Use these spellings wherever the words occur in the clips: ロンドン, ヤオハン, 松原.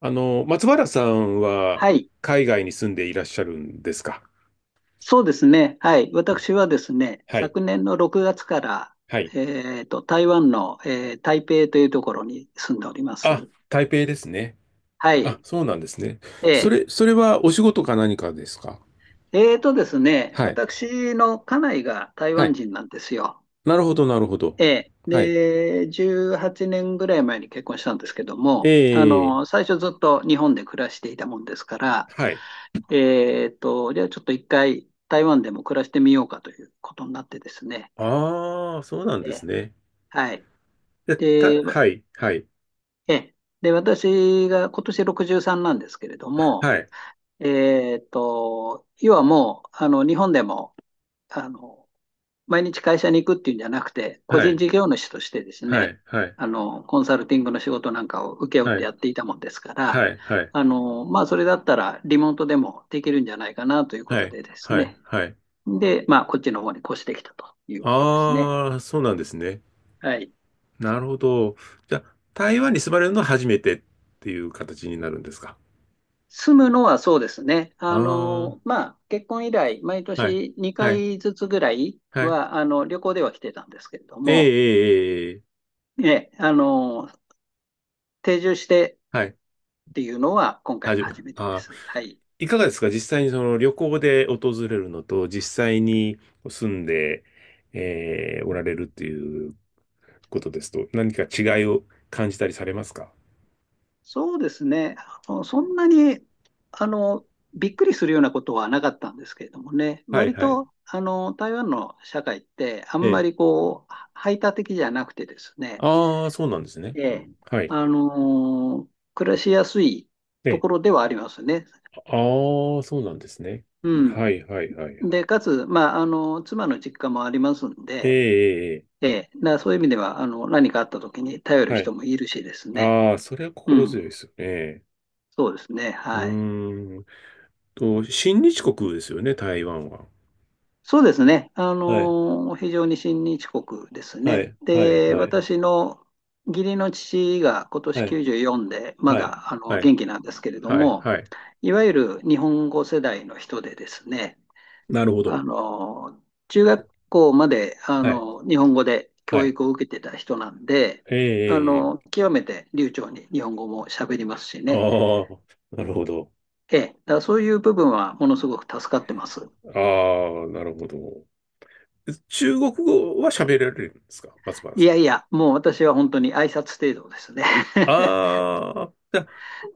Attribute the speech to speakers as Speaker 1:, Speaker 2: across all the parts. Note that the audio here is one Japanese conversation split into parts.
Speaker 1: 松原さんは
Speaker 2: はい。
Speaker 1: 海外に住んでいらっしゃるんですか？
Speaker 2: そうですね。はい。私はですね、
Speaker 1: はい。
Speaker 2: 昨年の6月から、
Speaker 1: はい。
Speaker 2: 台湾の、台北というところに住んでおります。
Speaker 1: あ、台北ですね。
Speaker 2: は
Speaker 1: あ、
Speaker 2: い。
Speaker 1: そうなんですね。そ
Speaker 2: え
Speaker 1: れ、それはお仕事か何かですか？
Speaker 2: ー、えーとですね、
Speaker 1: はい。
Speaker 2: 私の家内が台
Speaker 1: は
Speaker 2: 湾
Speaker 1: い。
Speaker 2: 人なんですよ。
Speaker 1: なるほど、なるほど。はい。
Speaker 2: で、18年ぐらい前に結婚したんですけど
Speaker 1: え
Speaker 2: も、
Speaker 1: え、
Speaker 2: 最初ずっと日本で暮らしていたもんですから、
Speaker 1: はい。
Speaker 2: じゃあちょっと1回台湾でも暮らしてみようかということになってですね。
Speaker 1: ああ、そうなん
Speaker 2: え
Speaker 1: で
Speaker 2: ー
Speaker 1: すね。
Speaker 2: はい。で、
Speaker 1: はい、はい。
Speaker 2: ええ。で、私が今年63なんですけれど
Speaker 1: は
Speaker 2: も、
Speaker 1: い、
Speaker 2: 要はもう、日本でも、あの、毎日会社に行くっていうんじゃなくて、個
Speaker 1: は
Speaker 2: 人
Speaker 1: い、
Speaker 2: 事業主としてです
Speaker 1: は
Speaker 2: ね、
Speaker 1: い、はい、
Speaker 2: コンサルティングの仕事なんかを請け負っ
Speaker 1: は
Speaker 2: て
Speaker 1: い、
Speaker 2: やっていたもんですから、
Speaker 1: はい、はい、
Speaker 2: まあ、それだったらリモートでもできるんじゃないかなというこ
Speaker 1: は
Speaker 2: と
Speaker 1: い、
Speaker 2: でです
Speaker 1: は
Speaker 2: ね。
Speaker 1: い、
Speaker 2: で、まあ、こっちの方に越してきたということですね。
Speaker 1: ああ、そうなんですね。
Speaker 2: はい。
Speaker 1: なるほど。じゃあ、台湾に住まれるのは初めてっていう形になるんですか？
Speaker 2: 住むのはそうですね。
Speaker 1: ああ
Speaker 2: まあ、結婚以来、毎
Speaker 1: ー、はい、
Speaker 2: 年2
Speaker 1: はい、
Speaker 2: 回ずつぐらい
Speaker 1: はい。
Speaker 2: は、旅行では来てたんですけれど
Speaker 1: ええ、
Speaker 2: も、
Speaker 1: ええ、ええ、
Speaker 2: ええ、定住してっ
Speaker 1: はい、
Speaker 2: ていうのは今
Speaker 1: は
Speaker 2: 回
Speaker 1: じ
Speaker 2: が
Speaker 1: め、
Speaker 2: 初めて
Speaker 1: あ
Speaker 2: で
Speaker 1: ー
Speaker 2: す。はい。
Speaker 1: いかがですか？実際にその旅行で訪れるのと、実際に住んで、えおられるっていうことですと、何か違いを感じたりされますか？
Speaker 2: そうですね。そんなに、あの、びっくりするようなことはなかったんですけれどもね、
Speaker 1: はい、
Speaker 2: 割
Speaker 1: はい。
Speaker 2: と、台湾の社会ってあ
Speaker 1: え
Speaker 2: んま
Speaker 1: え。
Speaker 2: りこう、排他的じゃなくてですね、
Speaker 1: ああ、そうなんですね。
Speaker 2: ええ、
Speaker 1: はい。
Speaker 2: 暮らしやすいと
Speaker 1: ね。
Speaker 2: ころではありますね。
Speaker 1: ああ、そうなんですね。
Speaker 2: うん。
Speaker 1: はい、はい、はい、は
Speaker 2: で、
Speaker 1: い。
Speaker 2: かつ、まあ、妻の実家もありますん
Speaker 1: え
Speaker 2: で、
Speaker 1: え、え
Speaker 2: ええ、そういう意味では、何かあった時に頼
Speaker 1: え、
Speaker 2: る
Speaker 1: は
Speaker 2: 人
Speaker 1: い。
Speaker 2: もいるしですね。
Speaker 1: ああ、それは
Speaker 2: う
Speaker 1: 心
Speaker 2: ん。
Speaker 1: 強いですよね。
Speaker 2: そうですね。
Speaker 1: う
Speaker 2: はい。
Speaker 1: ーん親日国ですよね、台湾は。
Speaker 2: そうですね。
Speaker 1: はい、
Speaker 2: 非常に親日国です
Speaker 1: は
Speaker 2: ね。
Speaker 1: い、はい、
Speaker 2: で、
Speaker 1: はい、
Speaker 2: 私の義理の父が今年
Speaker 1: はい、
Speaker 2: 94で、ま
Speaker 1: はい。
Speaker 2: だ、
Speaker 1: はい、
Speaker 2: 元気なんですけれど
Speaker 1: はい、
Speaker 2: も、
Speaker 1: はい。
Speaker 2: いわゆる日本語世代の人でですね、
Speaker 1: なるほど。
Speaker 2: あの、中学校まで、
Speaker 1: はい、
Speaker 2: 日本語で
Speaker 1: は
Speaker 2: 教
Speaker 1: い。
Speaker 2: 育を受けてた人なんで、
Speaker 1: ええ、ええ、
Speaker 2: 極めて流暢に日本語も喋りますしね。
Speaker 1: ああ、なるほど。
Speaker 2: ええ、だからそういう部分はものすごく助かってます。
Speaker 1: ああ、なるほど。中国語は喋られるんですか、松原
Speaker 2: い
Speaker 1: さん？
Speaker 2: やいや、もう私は本当に挨拶程度ですね。
Speaker 1: ああ、じゃあ、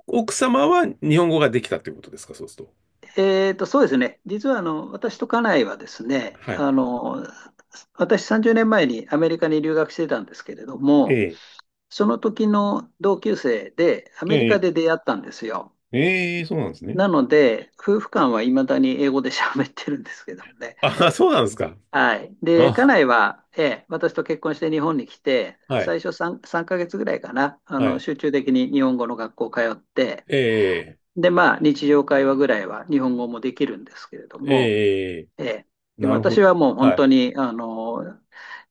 Speaker 1: 奥様は日本語ができたってことですか、そうすると？
Speaker 2: そうですね。実は、私と家内はですね、
Speaker 1: はい。
Speaker 2: 私30年前にアメリカに留学してたんですけれど
Speaker 1: え
Speaker 2: も、
Speaker 1: え、
Speaker 2: その時の同級生でア
Speaker 1: え
Speaker 2: メリカ
Speaker 1: え、
Speaker 2: で出会ったんですよ。
Speaker 1: ええ、そうなんですね。
Speaker 2: なので、夫婦間はいまだに英語で喋ってるんですけどもね。
Speaker 1: あ、そうなんですか。
Speaker 2: はい。で、家
Speaker 1: あ、
Speaker 2: 内は、ええ、私と結婚して日本に来て、
Speaker 1: はい。
Speaker 2: 最初 3ヶ月ぐらいかな、
Speaker 1: はい。
Speaker 2: 集中的に日本語の学校通って、
Speaker 1: ええ、
Speaker 2: で、まあ、日常会話ぐらいは日本語もできるんですけれども、
Speaker 1: ええ、
Speaker 2: ええ、で、
Speaker 1: なるほ
Speaker 2: 私
Speaker 1: ど。
Speaker 2: はもう本
Speaker 1: はい。
Speaker 2: 当に、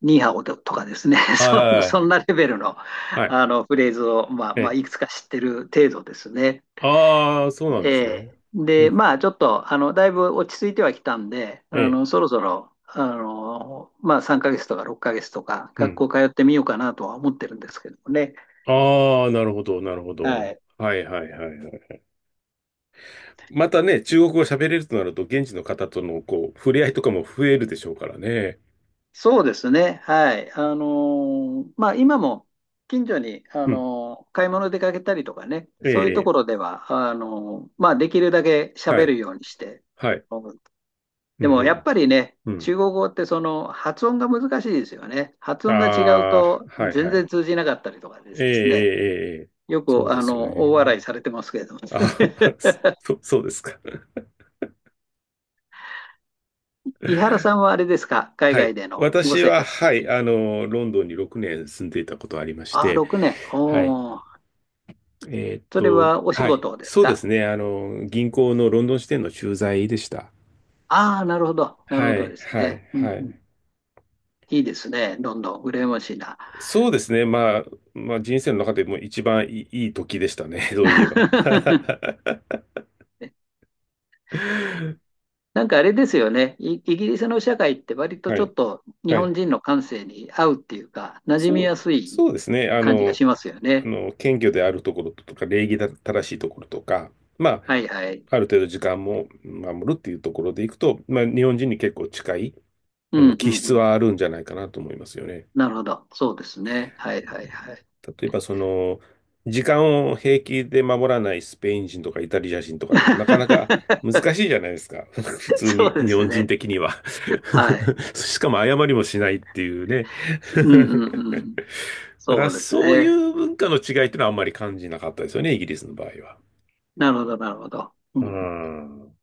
Speaker 2: ニーハオとかですね、
Speaker 1: はい、
Speaker 2: そん、
Speaker 1: は
Speaker 2: そ
Speaker 1: い、
Speaker 2: んなレベルの、
Speaker 1: はい。
Speaker 2: フレーズを、まあ、
Speaker 1: え
Speaker 2: まあ、
Speaker 1: え。
Speaker 2: いくつか知ってる程度ですね。
Speaker 1: ああ、そうなんですね。う
Speaker 2: で、
Speaker 1: ん。
Speaker 2: まあ、ちょっと、だいぶ落ち着いてはきたんで、
Speaker 1: ええ、
Speaker 2: そろそろ、まあ、3ヶ月とか6ヶ月とか、
Speaker 1: う
Speaker 2: 学
Speaker 1: ん。
Speaker 2: 校通ってみようかなとは思ってるんですけどもね。
Speaker 1: ああ、なるほど、なるほ
Speaker 2: は
Speaker 1: ど。
Speaker 2: い。
Speaker 1: はい、はい、はい、はい。またね、中国語喋れるとなると、現地の方との、こう、触れ合いとかも増えるでしょうからね。
Speaker 2: そうですね。はい。まあ、今も、近所に、
Speaker 1: うん。
Speaker 2: 買い物出かけたりとかね、
Speaker 1: ええ、
Speaker 2: そういうと
Speaker 1: え
Speaker 2: ころでは、まあ、できるだけ
Speaker 1: え。は
Speaker 2: 喋
Speaker 1: い、
Speaker 2: るようにして、
Speaker 1: はい。う
Speaker 2: で
Speaker 1: ん、
Speaker 2: もやっぱりね、
Speaker 1: うん、うん。
Speaker 2: 中国語ってその発音が難しいですよね。発音が違う
Speaker 1: ああ、
Speaker 2: と
Speaker 1: はい、
Speaker 2: 全
Speaker 1: は
Speaker 2: 然
Speaker 1: い。
Speaker 2: 通じなかったりとかで
Speaker 1: ええ、
Speaker 2: すね。
Speaker 1: ええ、ええ。
Speaker 2: よ
Speaker 1: そう
Speaker 2: く
Speaker 1: ですよ
Speaker 2: 大
Speaker 1: ね。
Speaker 2: 笑いされてますけれども、
Speaker 1: あ、
Speaker 2: ね、
Speaker 1: そうですか。
Speaker 2: 井原さんはあれですか、海
Speaker 1: は
Speaker 2: 外
Speaker 1: い。
Speaker 2: でのご
Speaker 1: 私
Speaker 2: 生
Speaker 1: は、
Speaker 2: 活っ
Speaker 1: は
Speaker 2: て
Speaker 1: い、
Speaker 2: いうの。
Speaker 1: ロンドンに6年住んでいたことありまし
Speaker 2: ああ、
Speaker 1: て、
Speaker 2: 6年。
Speaker 1: はい。
Speaker 2: おお、それはお仕
Speaker 1: はい。
Speaker 2: 事です
Speaker 1: そうで
Speaker 2: か？
Speaker 1: すね。銀行のロンドン支店の駐在でした。
Speaker 2: ああ、なるほど、なる
Speaker 1: は
Speaker 2: ほど
Speaker 1: い、
Speaker 2: です
Speaker 1: はい、
Speaker 2: ね。うん
Speaker 1: は
Speaker 2: うん、
Speaker 1: い。
Speaker 2: いいですね、どんどん羨ましいな。
Speaker 1: そうですね。まあ、まあ、人生の中でも一番いい、いい時でしたね。そういえば。
Speaker 2: なんかあれですよね。イギリスの社会って割と
Speaker 1: は
Speaker 2: ちょ
Speaker 1: い、
Speaker 2: っと日
Speaker 1: は
Speaker 2: 本
Speaker 1: い。
Speaker 2: 人の感性に合うっていうか、馴染み
Speaker 1: そう、
Speaker 2: やすい
Speaker 1: そうですね。
Speaker 2: 感じがしますよね。
Speaker 1: 謙虚であるところとか、礼儀正しいところとか、まあ、
Speaker 2: はいはい。
Speaker 1: ある程度時間も守るっていうところでいくと、まあ、日本人に結構近い、
Speaker 2: うんう
Speaker 1: 気
Speaker 2: んう
Speaker 1: 質
Speaker 2: ん。
Speaker 1: はあるんじゃないかなと思いますよね。
Speaker 2: なるほど。そうですね。はいはいはい。
Speaker 1: 例えば時間を平気で守らないスペイン人とかイタリア人とかだとなかなか難 しいじゃないですか。普通
Speaker 2: そう
Speaker 1: に、
Speaker 2: で
Speaker 1: 日
Speaker 2: す
Speaker 1: 本人
Speaker 2: ね。
Speaker 1: 的には
Speaker 2: はい。
Speaker 1: しかも謝りもしないっていうね。
Speaker 2: うんうんうん。
Speaker 1: だか
Speaker 2: そ
Speaker 1: ら
Speaker 2: うです
Speaker 1: そうい
Speaker 2: ね。
Speaker 1: う文化の違いってのはあんまり感じなかったですよね、イギリスの場合は。
Speaker 2: なるほどなるほど。う
Speaker 1: う
Speaker 2: ん。
Speaker 1: ん。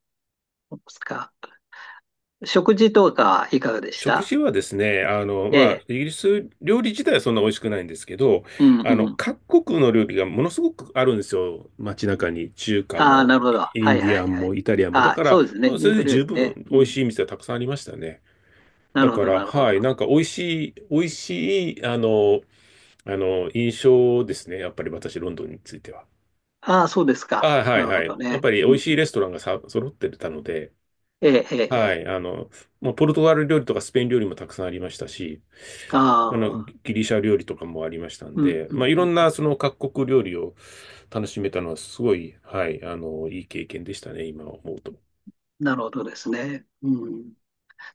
Speaker 2: そうですか。食事とかいかがでし
Speaker 1: 食
Speaker 2: た？
Speaker 1: 事はですね、
Speaker 2: え
Speaker 1: まあ、
Speaker 2: え。
Speaker 1: イギリス料理自体はそんな美味しくないんですけど、
Speaker 2: うんうん。
Speaker 1: 各国の料理がものすごくあるんですよ。街中に。中華
Speaker 2: ああ、な
Speaker 1: も、
Speaker 2: るほど。は
Speaker 1: イン
Speaker 2: い
Speaker 1: デ
Speaker 2: は
Speaker 1: ィア
Speaker 2: い
Speaker 1: ン
Speaker 2: は
Speaker 1: も、
Speaker 2: い。
Speaker 1: イタリアンも。
Speaker 2: あ
Speaker 1: だ
Speaker 2: あ、
Speaker 1: か
Speaker 2: そ
Speaker 1: ら、
Speaker 2: うですね。
Speaker 1: もう
Speaker 2: イ
Speaker 1: そ
Speaker 2: ン
Speaker 1: れ
Speaker 2: ド
Speaker 1: で
Speaker 2: 料
Speaker 1: 十
Speaker 2: 理ね。
Speaker 1: 分
Speaker 2: う
Speaker 1: 美味
Speaker 2: ん。
Speaker 1: しい店はたくさんありましたね。
Speaker 2: な
Speaker 1: だ
Speaker 2: るほ
Speaker 1: か
Speaker 2: ど、
Speaker 1: ら、
Speaker 2: なるほ
Speaker 1: は
Speaker 2: ど。
Speaker 1: い、なんか美味しい、美味しい、印象ですね。やっぱり私、ロンドンについては。
Speaker 2: ああ、そうです
Speaker 1: あ、
Speaker 2: か。
Speaker 1: は
Speaker 2: な
Speaker 1: い、
Speaker 2: るほ
Speaker 1: は
Speaker 2: ど
Speaker 1: い。やっ
Speaker 2: ね。
Speaker 1: ぱり美
Speaker 2: う
Speaker 1: 味
Speaker 2: ん、
Speaker 1: しいレストランがさ、揃ってたので、
Speaker 2: ええ、ええ、え
Speaker 1: は
Speaker 2: え。
Speaker 1: い。まあ、ポルトガル料理とかスペイン料理もたくさんありましたし、
Speaker 2: ああ、
Speaker 1: ギリシャ料理とかもありましたん
Speaker 2: うん、
Speaker 1: で、
Speaker 2: う
Speaker 1: ま
Speaker 2: ん、
Speaker 1: あ、い
Speaker 2: う
Speaker 1: ろん
Speaker 2: ん。
Speaker 1: なその各国料理を楽しめたのはすごい、はい、いい経験でしたね、今思うと。
Speaker 2: なるほどですね。うん。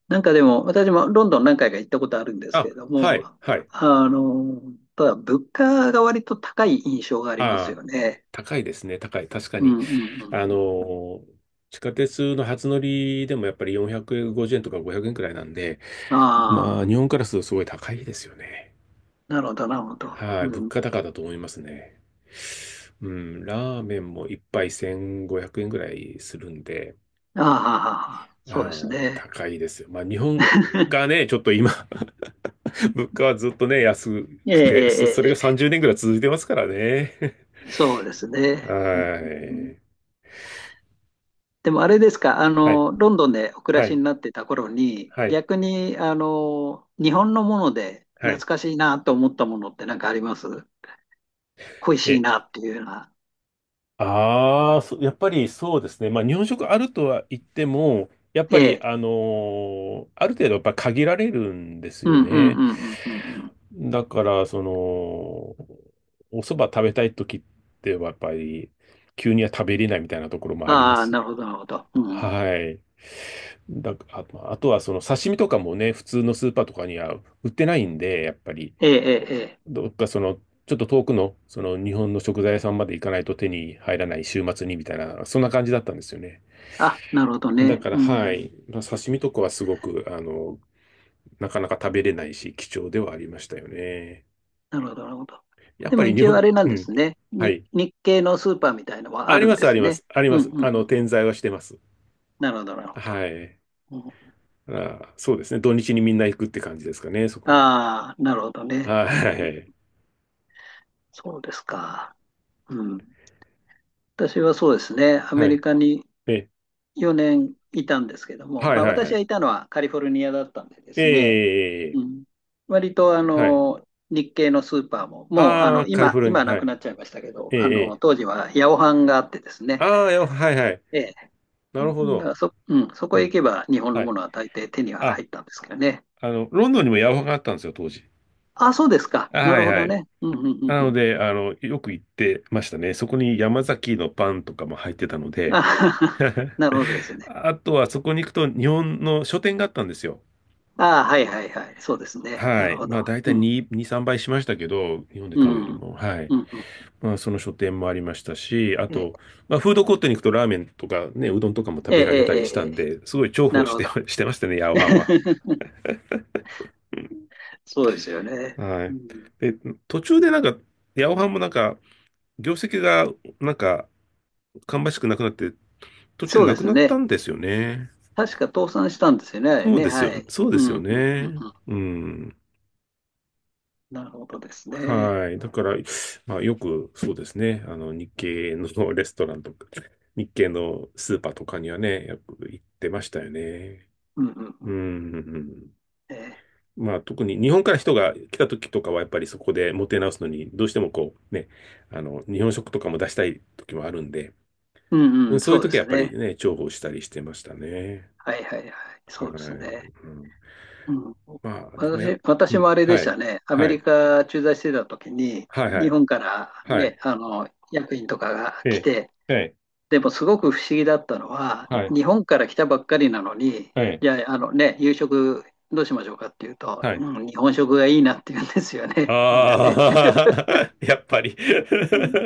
Speaker 2: なんかでも、私もロンドン何回か行ったことあるんですけ
Speaker 1: あ、
Speaker 2: れど
Speaker 1: は
Speaker 2: も、
Speaker 1: い、はい。
Speaker 2: あの、ただ物価が割と高い印象があります
Speaker 1: あ
Speaker 2: よ
Speaker 1: あ、
Speaker 2: ね。
Speaker 1: 高いですね、高い。確か
Speaker 2: う
Speaker 1: に。
Speaker 2: ん、うん、うん。
Speaker 1: あ
Speaker 2: うん。
Speaker 1: の、地下鉄の初乗りでもやっぱり450円とか500円くらいなんで、まあ、
Speaker 2: ああ、
Speaker 1: 日本からするとすごい高いですよね。
Speaker 2: なるほど、なるほど。
Speaker 1: はい、
Speaker 2: う
Speaker 1: 物
Speaker 2: ん。
Speaker 1: 価高だと思いますね。うん、ラーメンも一杯1500円ぐらいするんで、
Speaker 2: ああ、ああああ、
Speaker 1: あ
Speaker 2: そう
Speaker 1: あ、
Speaker 2: ですね。
Speaker 1: 高いですよ。まあ、日本 がね、ちょっと今、物価はずっとね、安
Speaker 2: ええ、
Speaker 1: くて、そ、それ
Speaker 2: ええ、
Speaker 1: が
Speaker 2: え
Speaker 1: 30年ぐらい続いてますからね。
Speaker 2: え。そうです ね。うん
Speaker 1: は
Speaker 2: うんうん。
Speaker 1: い。
Speaker 2: でもあれですか、
Speaker 1: はい。
Speaker 2: ロンドンでお暮ら
Speaker 1: は
Speaker 2: し
Speaker 1: い。
Speaker 2: になってた頃に、
Speaker 1: はい。
Speaker 2: 逆に、日本のもので
Speaker 1: は
Speaker 2: 懐
Speaker 1: い。
Speaker 2: かしいなと思ったものって何かあります？恋しい
Speaker 1: え、
Speaker 2: なっていうような。
Speaker 1: ああ、やっぱりそうですね。まあ、日本食あるとは言っても、やっ
Speaker 2: え
Speaker 1: ぱり、
Speaker 2: え。
Speaker 1: ある程度やっぱ限られるんです
Speaker 2: う
Speaker 1: よ
Speaker 2: んうん
Speaker 1: ね。
Speaker 2: うんうんうんうん。
Speaker 1: だから、お蕎麦食べたい時ってはやっぱり、急には食べれないみたいなところもありま
Speaker 2: ああ、な
Speaker 1: す。
Speaker 2: るほど、なるほど。うん。
Speaker 1: はい。まあとはその刺身とかもね、普通のスーパーとかには売ってないんで、やっぱり、
Speaker 2: ええ、ええ、ええ。
Speaker 1: どっかその、ちょっと遠くの、その日本の食材屋さんまで行かないと手に入らない週末にみたいな、そんな感じだったんですよね。
Speaker 2: あ、なるほど
Speaker 1: だ
Speaker 2: ね。
Speaker 1: から、
Speaker 2: う
Speaker 1: は
Speaker 2: ん。
Speaker 1: い。まあ、刺身とかはすごく、なかなか食べれないし、貴重ではありましたよね。
Speaker 2: なるほど、なるほど。
Speaker 1: やっ
Speaker 2: で
Speaker 1: ぱ
Speaker 2: も
Speaker 1: り日
Speaker 2: 一応あ
Speaker 1: 本、
Speaker 2: れなん
Speaker 1: う
Speaker 2: で
Speaker 1: ん。
Speaker 2: すね。
Speaker 1: はい。
Speaker 2: 日系のスーパーみたいのはあ
Speaker 1: あり
Speaker 2: るん
Speaker 1: ま
Speaker 2: で
Speaker 1: す、あ
Speaker 2: す
Speaker 1: りま
Speaker 2: ね。
Speaker 1: す、あり
Speaker 2: う
Speaker 1: ま
Speaker 2: ん
Speaker 1: す。
Speaker 2: うんうん。
Speaker 1: 転在はしてます。
Speaker 2: なるほど、なるほど。
Speaker 1: はい。
Speaker 2: うん、
Speaker 1: あ、そうですね。土日にみんな行くって感じですかね、そこに。
Speaker 2: ああ、なるほどね。うん、
Speaker 1: はい。
Speaker 2: そうですか。うん、私はそうですね、ア
Speaker 1: は
Speaker 2: メ
Speaker 1: い。
Speaker 2: リカに
Speaker 1: え、
Speaker 2: 4年いたんですけども、
Speaker 1: はい、
Speaker 2: まあ、
Speaker 1: はい、は
Speaker 2: 私が
Speaker 1: い。
Speaker 2: いたのはカリフォルニアだったんでで
Speaker 1: え
Speaker 2: すね、
Speaker 1: え、
Speaker 2: うん、割と
Speaker 1: はい。
Speaker 2: 日系のスーパーも、もう
Speaker 1: ああ、カリフォル
Speaker 2: 今
Speaker 1: ニ
Speaker 2: は
Speaker 1: ア、
Speaker 2: な
Speaker 1: は
Speaker 2: く
Speaker 1: い。
Speaker 2: なっちゃいましたけど、
Speaker 1: ええ、ええ。
Speaker 2: 当時はヤオハンがあってですね、
Speaker 1: ああ、はい、はい。
Speaker 2: ええ、
Speaker 1: なるほ
Speaker 2: だか
Speaker 1: ど。
Speaker 2: らうん、そこ
Speaker 1: う
Speaker 2: へ行
Speaker 1: ん。
Speaker 2: けば日本の
Speaker 1: は
Speaker 2: も
Speaker 1: い。
Speaker 2: のは大抵手には
Speaker 1: あ、
Speaker 2: 入ったんですけどね。
Speaker 1: ロンドンにもヤマハがあったんですよ、当時。
Speaker 2: あ、そうですか、な
Speaker 1: は
Speaker 2: る
Speaker 1: い、
Speaker 2: ほ
Speaker 1: は
Speaker 2: ど
Speaker 1: い。
Speaker 2: ね。うんうんうん
Speaker 1: な
Speaker 2: う
Speaker 1: の
Speaker 2: ん、
Speaker 1: で、よく行ってましたね。そこに山崎のパンとかも入ってたの
Speaker 2: あ
Speaker 1: で、
Speaker 2: なるほどですね。
Speaker 1: あとはそこに行くと日本の書店があったんですよ。
Speaker 2: ああ、はいはいはい、そうですね、な
Speaker 1: は
Speaker 2: る
Speaker 1: い。
Speaker 2: ほど。
Speaker 1: まあ、大体
Speaker 2: うん
Speaker 1: 2、2、3倍しましたけど、日本で
Speaker 2: う
Speaker 1: 買うより
Speaker 2: ん。
Speaker 1: も。はい。
Speaker 2: うん。うん。
Speaker 1: まあ、その書店もありましたし、あ
Speaker 2: ええ、
Speaker 1: と、まあ、フードコートに行くとラーメンとかね、うどんとかも食
Speaker 2: え
Speaker 1: べられたり
Speaker 2: え、
Speaker 1: し
Speaker 2: え
Speaker 1: たん
Speaker 2: え、
Speaker 1: で、すごい重
Speaker 2: な
Speaker 1: 宝
Speaker 2: る
Speaker 1: し
Speaker 2: ほ
Speaker 1: て、
Speaker 2: ど。
Speaker 1: してましたね、ヤオハンは。
Speaker 2: そうですよね。
Speaker 1: は
Speaker 2: う
Speaker 1: い。
Speaker 2: ん。
Speaker 1: で、途中でなんか、ヤオハンもなんか、業績がなんか、芳しくなくなって、途中で
Speaker 2: そうで
Speaker 1: なく
Speaker 2: す
Speaker 1: なっ
Speaker 2: ね。
Speaker 1: たんですよね。
Speaker 2: 確か倒産したんですよね、あれ
Speaker 1: そう
Speaker 2: ね。
Speaker 1: です
Speaker 2: は
Speaker 1: よ。
Speaker 2: い。
Speaker 1: そう
Speaker 2: う
Speaker 1: で
Speaker 2: ん、
Speaker 1: す
Speaker 2: う
Speaker 1: よ
Speaker 2: ん、うん、
Speaker 1: ね。
Speaker 2: うん。
Speaker 1: うん。
Speaker 2: なるほどですね。
Speaker 1: はい。だから、まあ、よく、そうですね。日系の レストランとか、日系のスーパーとかにはね、よく行ってましたよね。
Speaker 2: うん、うん、う
Speaker 1: うん。
Speaker 2: ん。
Speaker 1: うん、うん、
Speaker 2: ええ、
Speaker 1: まあ、特に日本から人が来た時とかは、やっぱりそこでもてなすのに、どうしてもこう、ね、日本食とかも出したい時もあるんで、
Speaker 2: うん、
Speaker 1: う
Speaker 2: う
Speaker 1: ん、
Speaker 2: ん、
Speaker 1: そうい
Speaker 2: そ
Speaker 1: う
Speaker 2: うで
Speaker 1: 時はや
Speaker 2: す
Speaker 1: っぱり
Speaker 2: ね。
Speaker 1: ね、重宝したりしてましたね。
Speaker 2: はい、はい、はい。
Speaker 1: は
Speaker 2: そ
Speaker 1: い。
Speaker 2: うですね。
Speaker 1: うん、
Speaker 2: うん。
Speaker 1: まあ、でもやっ、
Speaker 2: 私、
Speaker 1: う
Speaker 2: 私も
Speaker 1: ん。
Speaker 2: あれで
Speaker 1: は
Speaker 2: した
Speaker 1: い。
Speaker 2: ね。アメ
Speaker 1: は
Speaker 2: リ
Speaker 1: い。
Speaker 2: カ駐在してた時に、
Speaker 1: はい、は
Speaker 2: 日
Speaker 1: い。
Speaker 2: 本から
Speaker 1: はい。
Speaker 2: ね、役員とかが
Speaker 1: え
Speaker 2: 来
Speaker 1: え。
Speaker 2: て、
Speaker 1: ええ。
Speaker 2: でもすごく不思議だったのは、
Speaker 1: はい。
Speaker 2: 日本から来たばっかりなのに、
Speaker 1: はい。
Speaker 2: じゃあ、夕食どうしましょうかっていうと、
Speaker 1: はい。
Speaker 2: うん、日本食がいいなって言うんですよね、みんな
Speaker 1: あ
Speaker 2: ね。
Speaker 1: あ、やっぱり
Speaker 2: う ん、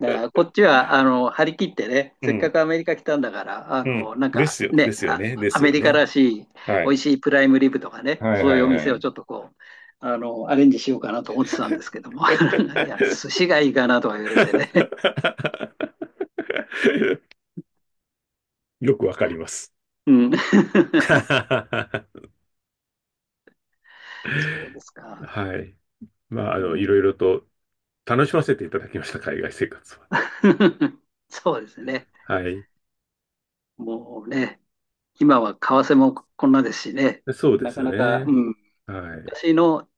Speaker 2: だからこっちは張り切ってね、
Speaker 1: う
Speaker 2: せっか
Speaker 1: ん、
Speaker 2: くアメリカ来たんだから、
Speaker 1: うん。ですよ、ですよね、で
Speaker 2: ア
Speaker 1: す
Speaker 2: メ
Speaker 1: よ
Speaker 2: リカ
Speaker 1: ね。
Speaker 2: らしい
Speaker 1: は
Speaker 2: 美
Speaker 1: い。
Speaker 2: 味しいプライムリブとかね、
Speaker 1: はい、
Speaker 2: そうい
Speaker 1: は
Speaker 2: うお
Speaker 1: い、
Speaker 2: 店
Speaker 1: は
Speaker 2: を
Speaker 1: い。
Speaker 2: ちょっとこう、アレンジしようかなと思ってたんですけども、いや、寿司がいいかなとか言われてね。
Speaker 1: よくわかります。
Speaker 2: うん、
Speaker 1: は
Speaker 2: そうですか。
Speaker 1: い。まあ、
Speaker 2: うん
Speaker 1: いろいろと楽しませていただきました、海外生活は。
Speaker 2: そうですね。
Speaker 1: はい。
Speaker 2: もうね、今は為替もこんなですしね、
Speaker 1: そうで
Speaker 2: なか
Speaker 1: す
Speaker 2: なか、う
Speaker 1: ね。
Speaker 2: ん、
Speaker 1: はい。
Speaker 2: 昔の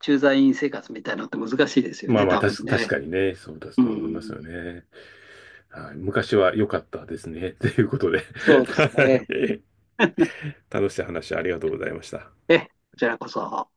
Speaker 2: 駐在員生活みたいなのって難しいですよ
Speaker 1: まあ
Speaker 2: ね、
Speaker 1: まあ、
Speaker 2: 多分
Speaker 1: 確
Speaker 2: ね。
Speaker 1: かにね、そうだ
Speaker 2: う
Speaker 1: と思います
Speaker 2: ん、
Speaker 1: よね。はい、昔は良かったですね。ということで、
Speaker 2: そうです
Speaker 1: は
Speaker 2: ね。
Speaker 1: い、楽しい話ありがとうございました。
Speaker 2: こちらこそ。